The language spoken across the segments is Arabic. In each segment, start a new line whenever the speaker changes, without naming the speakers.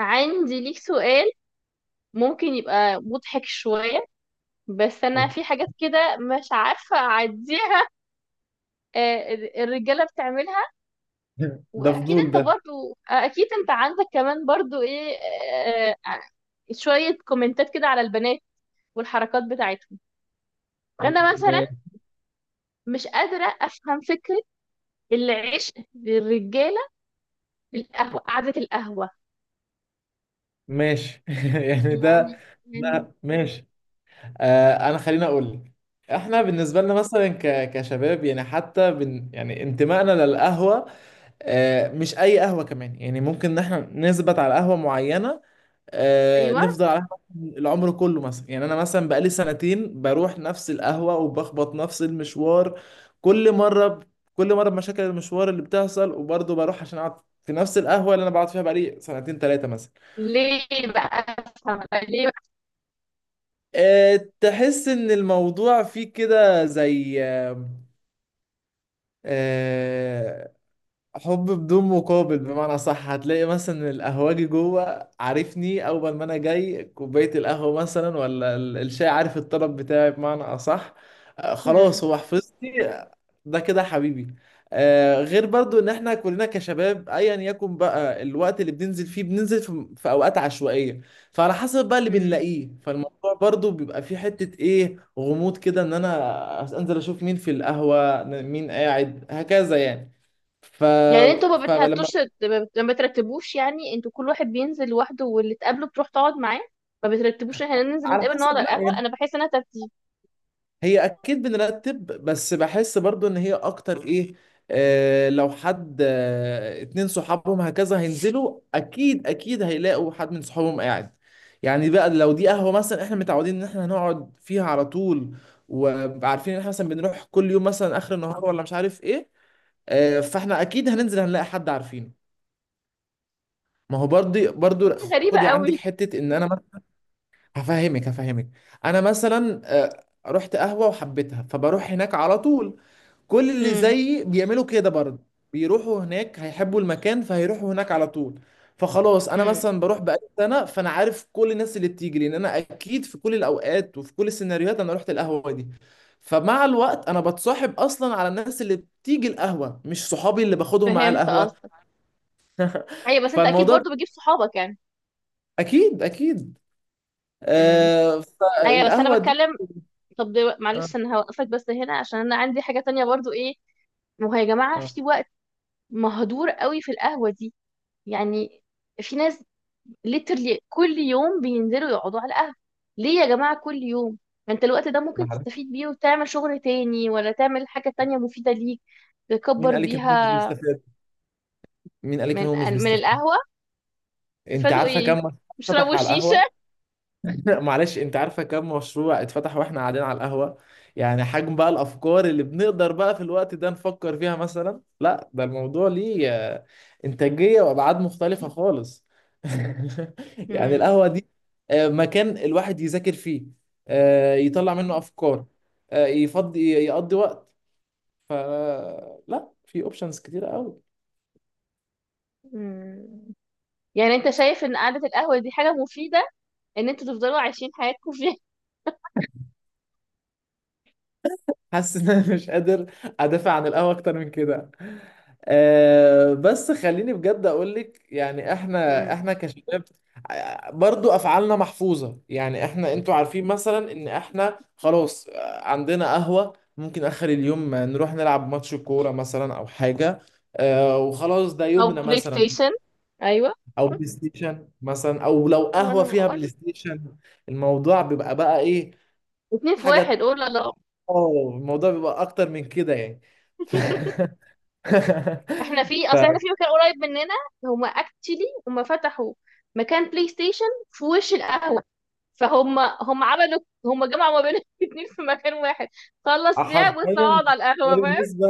عندي ليك سؤال، ممكن يبقى مضحك شوية. بس أنا
أوكي.
في حاجات كده مش عارفة أعديها. آه، الرجالة بتعملها،
ده
وأكيد
فضول
أنت
ده.
برضو أكيد أنت عندك كمان برضو إيه آه، آه، شوية كومنتات كده على البنات والحركات بتاعتهم. أنا مثلا
م-
مش قادرة أفهم فكرة العشق للرجالة في القهوة، قعدة القهوة
ماشي. يعني ده
يعني يعني
ده ماشي. انا خليني اقول لك. احنا
مم.
بالنسبه لنا مثلا كشباب، يعني حتى يعني انتمائنا للقهوه. مش اي قهوه كمان، يعني ممكن ان احنا نثبت على قهوه معينه.
أيوه.
نفضل على القهوة العمر كله مثلا. يعني انا مثلا بقالي سنتين بروح نفس القهوة وبخبط نفس المشوار. كل مرة ب... كل مرة بمشاكل المشوار اللي بتحصل، وبرضه بروح عشان اقعد في نفس القهوة اللي انا بقعد فيها بقالي سنتين ثلاثة مثلا.
ليه بقى أفهم؟ ليه بقى؟
تحس ان الموضوع فيه كده زي أه حب بدون مقابل، بمعنى صح. هتلاقي مثلا القهوجي جوه عارفني اول ما انا جاي كوبايه القهوه مثلا ولا الشاي، عارف الطلب بتاعي بمعنى اصح.
مم.
خلاص هو حفظني. ده كده حبيبي. غير برضو ان احنا كلنا كشباب، ايا يكن بقى الوقت اللي بننزل فيه بننزل في اوقات عشوائيه. فعلى حسب بقى اللي
مم.
بنلاقيه، فالموضوع برضو بيبقى فيه حته ايه، غموض كده، ان انا انزل اشوف مين في القهوه، مين قاعد، هكذا يعني. ف...
يعني انتوا ما
فلما
بتهتوش؟ ما بترتبوش؟ يعني انتوا كل واحد بينزل لوحده واللي تقابله بتروح تقعد معاه؟ ما بترتبوش احنا ننزل
على
نتقابل نقعد
حسب،
على
لا
القهوة؟
يعني،
انا بحس انها ترتيب.
هي اكيد بنرتب، بس بحس برضو ان هي اكتر ايه. لو حد اتنين صحابهم هكذا هينزلوا، اكيد اكيد هيلاقوا حد من صحابهم قاعد. يعني بقى لو دي قهوة مثلا احنا متعودين ان احنا هنقعد فيها على طول، وعارفين ان احنا مثلا بنروح كل يوم مثلا اخر النهار ولا مش عارف ايه. فاحنا اكيد هننزل هنلاقي حد عارفينه. ما هو برضه برضه،
دي غريبة
خدي عندك
قوي.
حتة ان انا هفهمك هفهمك. انا مثلا رحت قهوه وحبيتها فبروح هناك على طول. كل اللي
امم.
زيي بيعملوا كده برضه، بيروحوا هناك، هيحبوا المكان فهيروحوا هناك على طول. فخلاص انا
امم.
مثلا بروح بقالي سنه، فانا عارف كل الناس اللي بتيجي، لان انا اكيد في كل الاوقات وفي كل السيناريوهات انا رحت القهوه دي. فمع الوقت انا بتصاحب اصلا على الناس اللي بتيجي القهوه، مش صحابي اللي باخدهم معايا
فهمت
القهوه.
قصدك. ايوه، بس انت اكيد
فالموضوع
برضو بتجيب صحابك يعني.
اكيد اكيد.
امم. ايوه، بس انا
فالقهوه دي.
بتكلم. طب
اه،
معلش انا هوقفك بس هنا عشان انا عندي حاجة تانية برضو ايه. ما هو يا جماعة
اه،
في وقت مهدور قوي في القهوة دي. يعني في ناس literally كل يوم بينزلوا يقعدوا على القهوة. ليه يا جماعة كل يوم؟ ما انت الوقت ده ممكن
معلش.
تستفيد بيه وتعمل شغل تاني، ولا تعمل حاجة تانية مفيدة ليك،
مين
تكبر
قال لك ان هو مش
بيها.
بيستفاد؟ مين قال لك ان
من،
هو مش
من
بيستفاد؟
القهوة
انت
استفادوا
عارفه كم
ايه؟
مشروع اتفتح
يشربوا
على
شيشة؟
القهوه؟ معلش، انت عارفه كم مشروع اتفتح واحنا قاعدين على القهوه؟ يعني حجم بقى الافكار اللي بنقدر بقى في الوقت ده نفكر فيها مثلا، لا ده الموضوع ليه انتاجيه وابعاد مختلفه خالص. يعني
مم.
القهوه دي مكان الواحد يذاكر فيه، يطلع منه افكار، يفضي يقضي وقت. فلا، في اوبشنز كتير قوي.
مم. يعني انت شايف ان قعدة القهوة دي حاجة مفيدة ان انتوا تفضلوا عايشين حياتكم فيها؟
حاسس ان انا مش قادر ادافع عن القهوه اكتر من كده. بس خليني بجد اقول لك، يعني احنا
مم.
احنا كشباب برضو افعالنا محفوظه. يعني احنا، انتوا عارفين مثلا ان احنا خلاص عندنا قهوه، ممكن اخر اليوم نروح نلعب ماتش كوره مثلا او حاجه. وخلاص ده
او
يومنا
بلاي
مثلا.
ستيشن. ايوه.
او بلاي ستيشن مثلا، او لو
هو انا
قهوه فيها بلاي
بقول
ستيشن الموضوع بيبقى بقى ايه
اتنين في واحد،
حاجه.
قول لا لا.
اه، الموضوع بيبقى اكتر من كده يعني. ف...
احنا في مكان قريب مننا، هما اكتشلي هما فتحوا مكان بلاي ستيشن في وش القهوة. فهم عملوا، هم جمعوا ما بين الاتنين في مكان واحد. خلص لعب
فحرفيا
ويطلع اقعد على
ده
القهوة، فاهم.
بالنسبة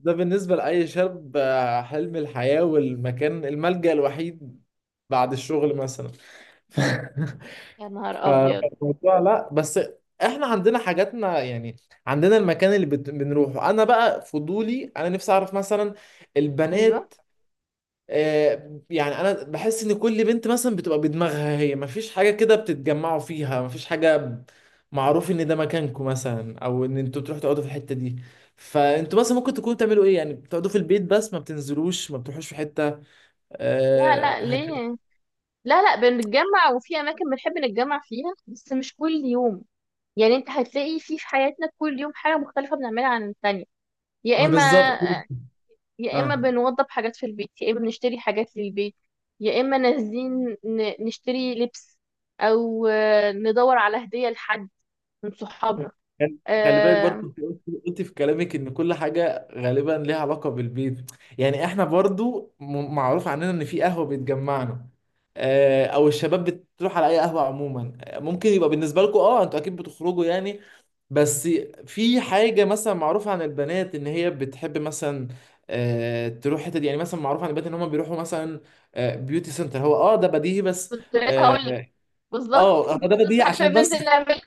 ده بالنسبة لأي شاب حلم الحياة والمكان الملجأ الوحيد بعد الشغل مثلا. ف...
يا نهار ابيض.
فالموضوع، لا بس، احنا عندنا حاجاتنا يعني. عندنا المكان اللي بنروحه. انا بقى فضولي، انا نفسي اعرف مثلا
ايوه.
البنات. يعني انا بحس ان كل بنت مثلا بتبقى بدماغها، هي مفيش حاجه كده بتتجمعوا فيها، مفيش حاجه معروف ان ده مكانكم مثلا، او ان انتوا بتروحوا تقعدوا في الحته دي. فانتوا مثلا ممكن تكونوا بتعملوا ايه؟ يعني بتقعدوا في البيت بس ما بتنزلوش ما بتروحوش في حته
لا لا
هكذا.
ليه، لا لا بنتجمع وفي اماكن بنحب نتجمع فيها، بس مش كل يوم. يعني انت هتلاقي في حياتنا كل يوم حاجة مختلفة بنعملها عن التانية. يا
ما
اما،
بالظبط.
يا اما
اه،
بنوضب حاجات في البيت، يا اما بنشتري حاجات للبيت، يا اما نازلين نشتري لبس، او ندور على هدية لحد من صحابنا.
خل- خلي بالك برضو،
آه،
انت قلت في كلامك ان كل حاجه غالبا ليها علاقه بالبيت. يعني احنا برضو معروف عننا ان في قهوه بتجمعنا، او الشباب بتروح على اي قهوه عموما. ممكن يبقى بالنسبه لكم اه، انتوا اكيد بتخرجوا يعني، بس في حاجه مثلا معروفه عن البنات ان هي بتحب مثلا تروح حتت دي. يعني مثلا معروف عن البنات ان هم بيروحوا مثلا بيوتي سنتر. هو اه، ده بديهي بس.
كنت لسه هقول لك
اه،
بالظبط.
هو
دي
ده
من ضمن
بديهي
الحاجات اللي
عشان بس.
بننزل نعملها.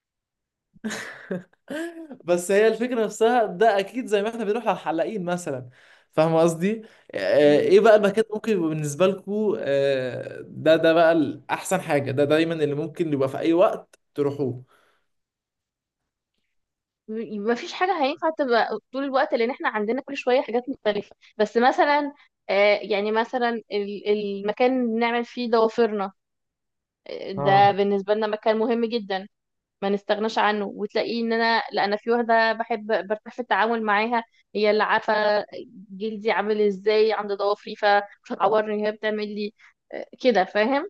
بس هي الفكرة نفسها، ده أكيد زي ما احنا بنروح على الحلاقين مثلا. فاهم قصدي؟
مم.
إيه بقى المكان ممكن يبقى بالنسبة لكم ده بقى الأحسن حاجة، ده دايما اللي ممكن يبقى في أي وقت تروحوه.
ما فيش حاجة هينفع تبقى طول الوقت، لأن احنا عندنا كل شوية حاجات مختلفة. بس مثلا يعني مثلا المكان اللي بنعمل فيه ضوافرنا، ده
اه،
بالنسبة لنا مكان مهم جدا، ما نستغناش عنه. وتلاقيه ان انا، لا انا في واحده بحب برتاح في التعامل معاها، هي اللي عارفه جلدي عامل ازاي عند ضوافري، فمش هتعورني، هي بتعمل لي كده، فاهم.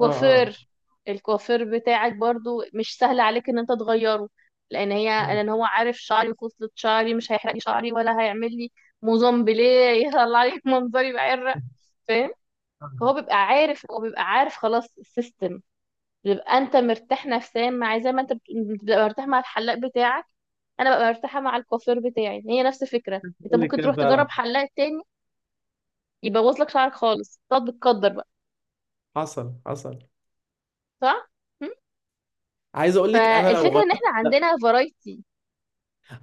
اه، اه.
الكوافير بتاعك برضو مش سهل عليك ان انت تغيره، لان هي
مم.
لان هو عارف شعري وفصلة شعري، مش هيحرق لي شعري ولا هيعمل لي موزون بليه يطلع لي منظري بعرق، فاهم. هو بيبقى عارف خلاص السيستم، بيبقى انت مرتاح نفسيا، مع زي ما انت بتبقى مرتاح مع الحلاق بتاعك، انا ببقى مرتاحه مع الكوافير بتاعي، هي نفس الفكره. انت
قول لك
ممكن
كده
تروح
فعلا.
تجرب حلاق تاني يبوظ لك شعرك خالص، تقعد بتقدر بقى.
حصل حصل.
صح. م؟
عايز اقول لك، انا لو
فالفكره
غيرت،
ان احنا
لا،
عندنا فرايتي.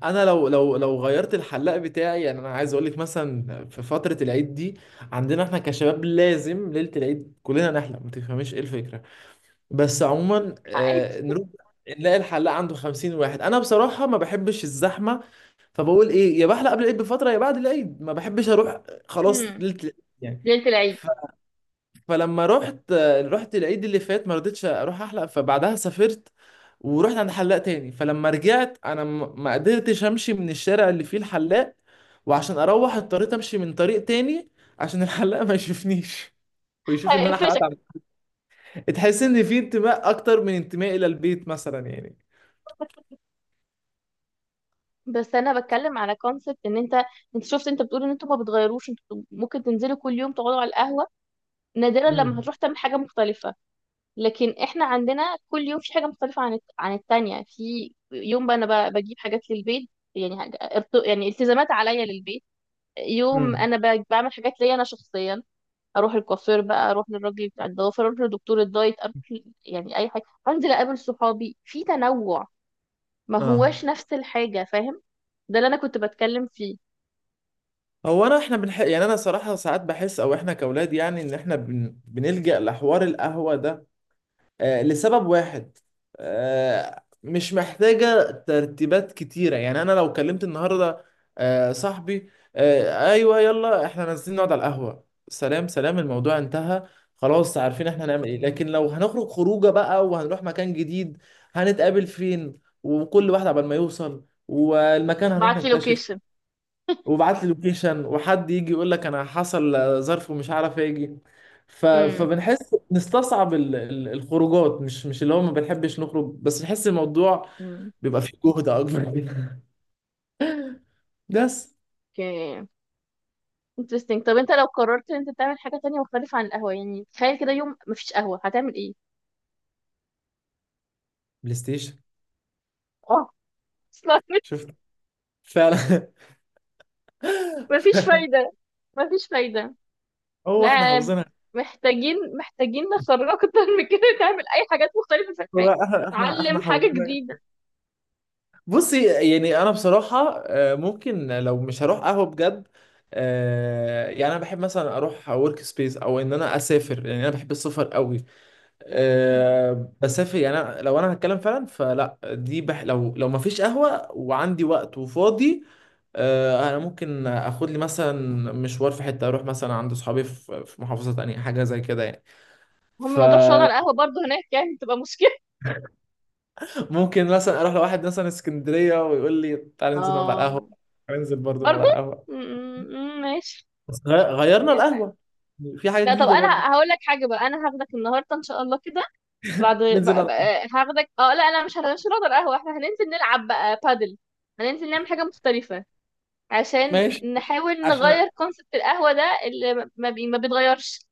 انا لو غيرت الحلاق بتاعي، يعني انا عايز اقول لك مثلا في فتره العيد دي، عندنا احنا كشباب لازم ليله العيد كلنا نحلق، ما تفهميش ايه الفكره. بس عموما
عادي.
نروح نلاقي الحلاق عنده 50 واحد، انا بصراحه ما بحبش الزحمه. فبقول ايه، يا بحلق قبل العيد بفتره يا بعد العيد، ما بحبش اروح خلاص
م.
ليله العيد يعني.
ليله العيد.
ف- فلما رحت رحت العيد اللي فات ما رضيتش اروح احلق، فبعدها سافرت ورحت عند حلاق تاني. فلما رجعت انا ما قدرتش امشي من الشارع اللي فيه الحلاق، وعشان اروح اضطريت امشي من طريق تاني عشان الحلاق ما يشوفنيش ويشوف ان انا حلقت.
هيقفشك.
تحس ان في انتماء اكتر من انتماء الى البيت مثلا يعني.
بس انا بتكلم على كونسبت ان انت، انت شفت انت بتقول ان انتوا ما بتغيروش، انتوا ممكن تنزلوا كل يوم تقعدوا على القهوه، نادرا لما
امم.
هتروح تعمل حاجه مختلفه. لكن احنا عندنا كل يوم في حاجه مختلفه عن عن التانية. في يوم بقى انا بجيب حاجات للبيت، يعني حاجة يعني التزامات عليا للبيت. يوم
امم.
انا بعمل حاجات ليا انا شخصيا، اروح الكوافير بقى، اروح للراجل بتاع الضوافر، اروح لدكتور الدايت، اروح يعني اي حاجه، انزل اقابل صحابي، في تنوع، ما
اه.
هواش نفس الحاجه، فاهم. ده اللي انا كنت بتكلم فيه.
هو انا يعني انا صراحة ساعات بحس، او احنا كاولاد يعني ان احنا بنلجأ لحوار القهوة ده لسبب واحد، مش محتاجة ترتيبات كتيرة. يعني أنا لو كلمت النهاردة صاحبي، أيوه يلا إحنا نازلين نقعد على القهوة، سلام سلام، الموضوع انتهى، خلاص عارفين إحنا هنعمل إيه. لكن لو هنخرج خروجة بقى وهنروح مكان جديد، هنتقابل فين؟ وكل واحد عبال ما يوصل، والمكان هنروح
بعتلي
نكتشف،
لوكيشن.
وبعت لي لوكيشن، وحد يجي يقول لك انا حصل ظرف ومش عارف اجي.
امم.
فبنحس نستصعب الخروجات، مش اللي هو ما بنحبش نخرج، بس نحس الموضوع
امم.
بيبقى فيه جهد اكبر منها. بس
اوكي. interesting. طب انت لو قررت ان انت تعمل حاجه تانية مختلفه عن القهوه، يعني تخيل كده يوم مفيش قهوه، هتعمل ايه؟
بلاي ستيشن.
اه. اصلا
شفت فعلا.
مفيش فايدة، مفيش فايدة.
هو احنا
لا،
حافظينها.
محتاجين نخرج اكتر من كده، نعمل اي حاجات مختلفة في
هو
الحياة،
احنا
نتعلم حاجة
حافظينها.
جديدة.
بصي، يعني انا بصراحه ممكن لو مش هروح قهوه بجد، يعني انا بحب مثلا اروح ورك سبيس، او ان انا اسافر، يعني انا بحب السفر قوي. بسافر. يعني أنا لو انا هتكلم فعلا فلا، دي لو ما فيش قهوة وعندي وقت وفاضي، انا ممكن اخد لي مثلا مشوار في حتة، اروح مثلا عند صحابي في محافظة تانية، حاجة زي كده يعني.
هم موضوع شعر القهوة
فممكن.
برضه هناك يعني، تبقى مشكلة.
مثلا اروح لواحد مثلا اسكندرية، ويقول لي تعال ننزل نقعد على القهوة،
اه
تعال ننزل برضه نقعد
برضه.
على القهوة،
م- ماشي
بس غيرنا
يعني.
القهوة، في حاجة
لا طب
جديدة برضه.
انا هقول لك حاجة بقى، انا هاخدك النهاردة ان شاء الله كده، بعد
ننزل نقعد
بقى
على القهوة.
بقى هاخدك، اه لا لا مش هنشرب القهوة، احنا هننزل نلعب بقى بادل، هننزل نعمل حاجة مختلفة، عشان
ماشي.
نحاول
عشان
نغير كونسبت القهوة ده اللي ما بيتغيرش.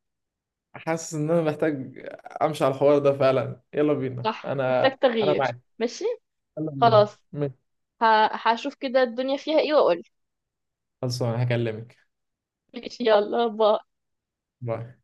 حاسس ان انا محتاج امشي على الحوار ده فعلا. يلا بينا.
صح
انا
محتاج
انا
تغيير.
معاك.
ماشي.
يلا بينا.
خلاص.
ماشي،
هشوف كده الدنيا فيها ايه، واقول.
خلصان هكلمك.
ماشي، يلا باي.
باي.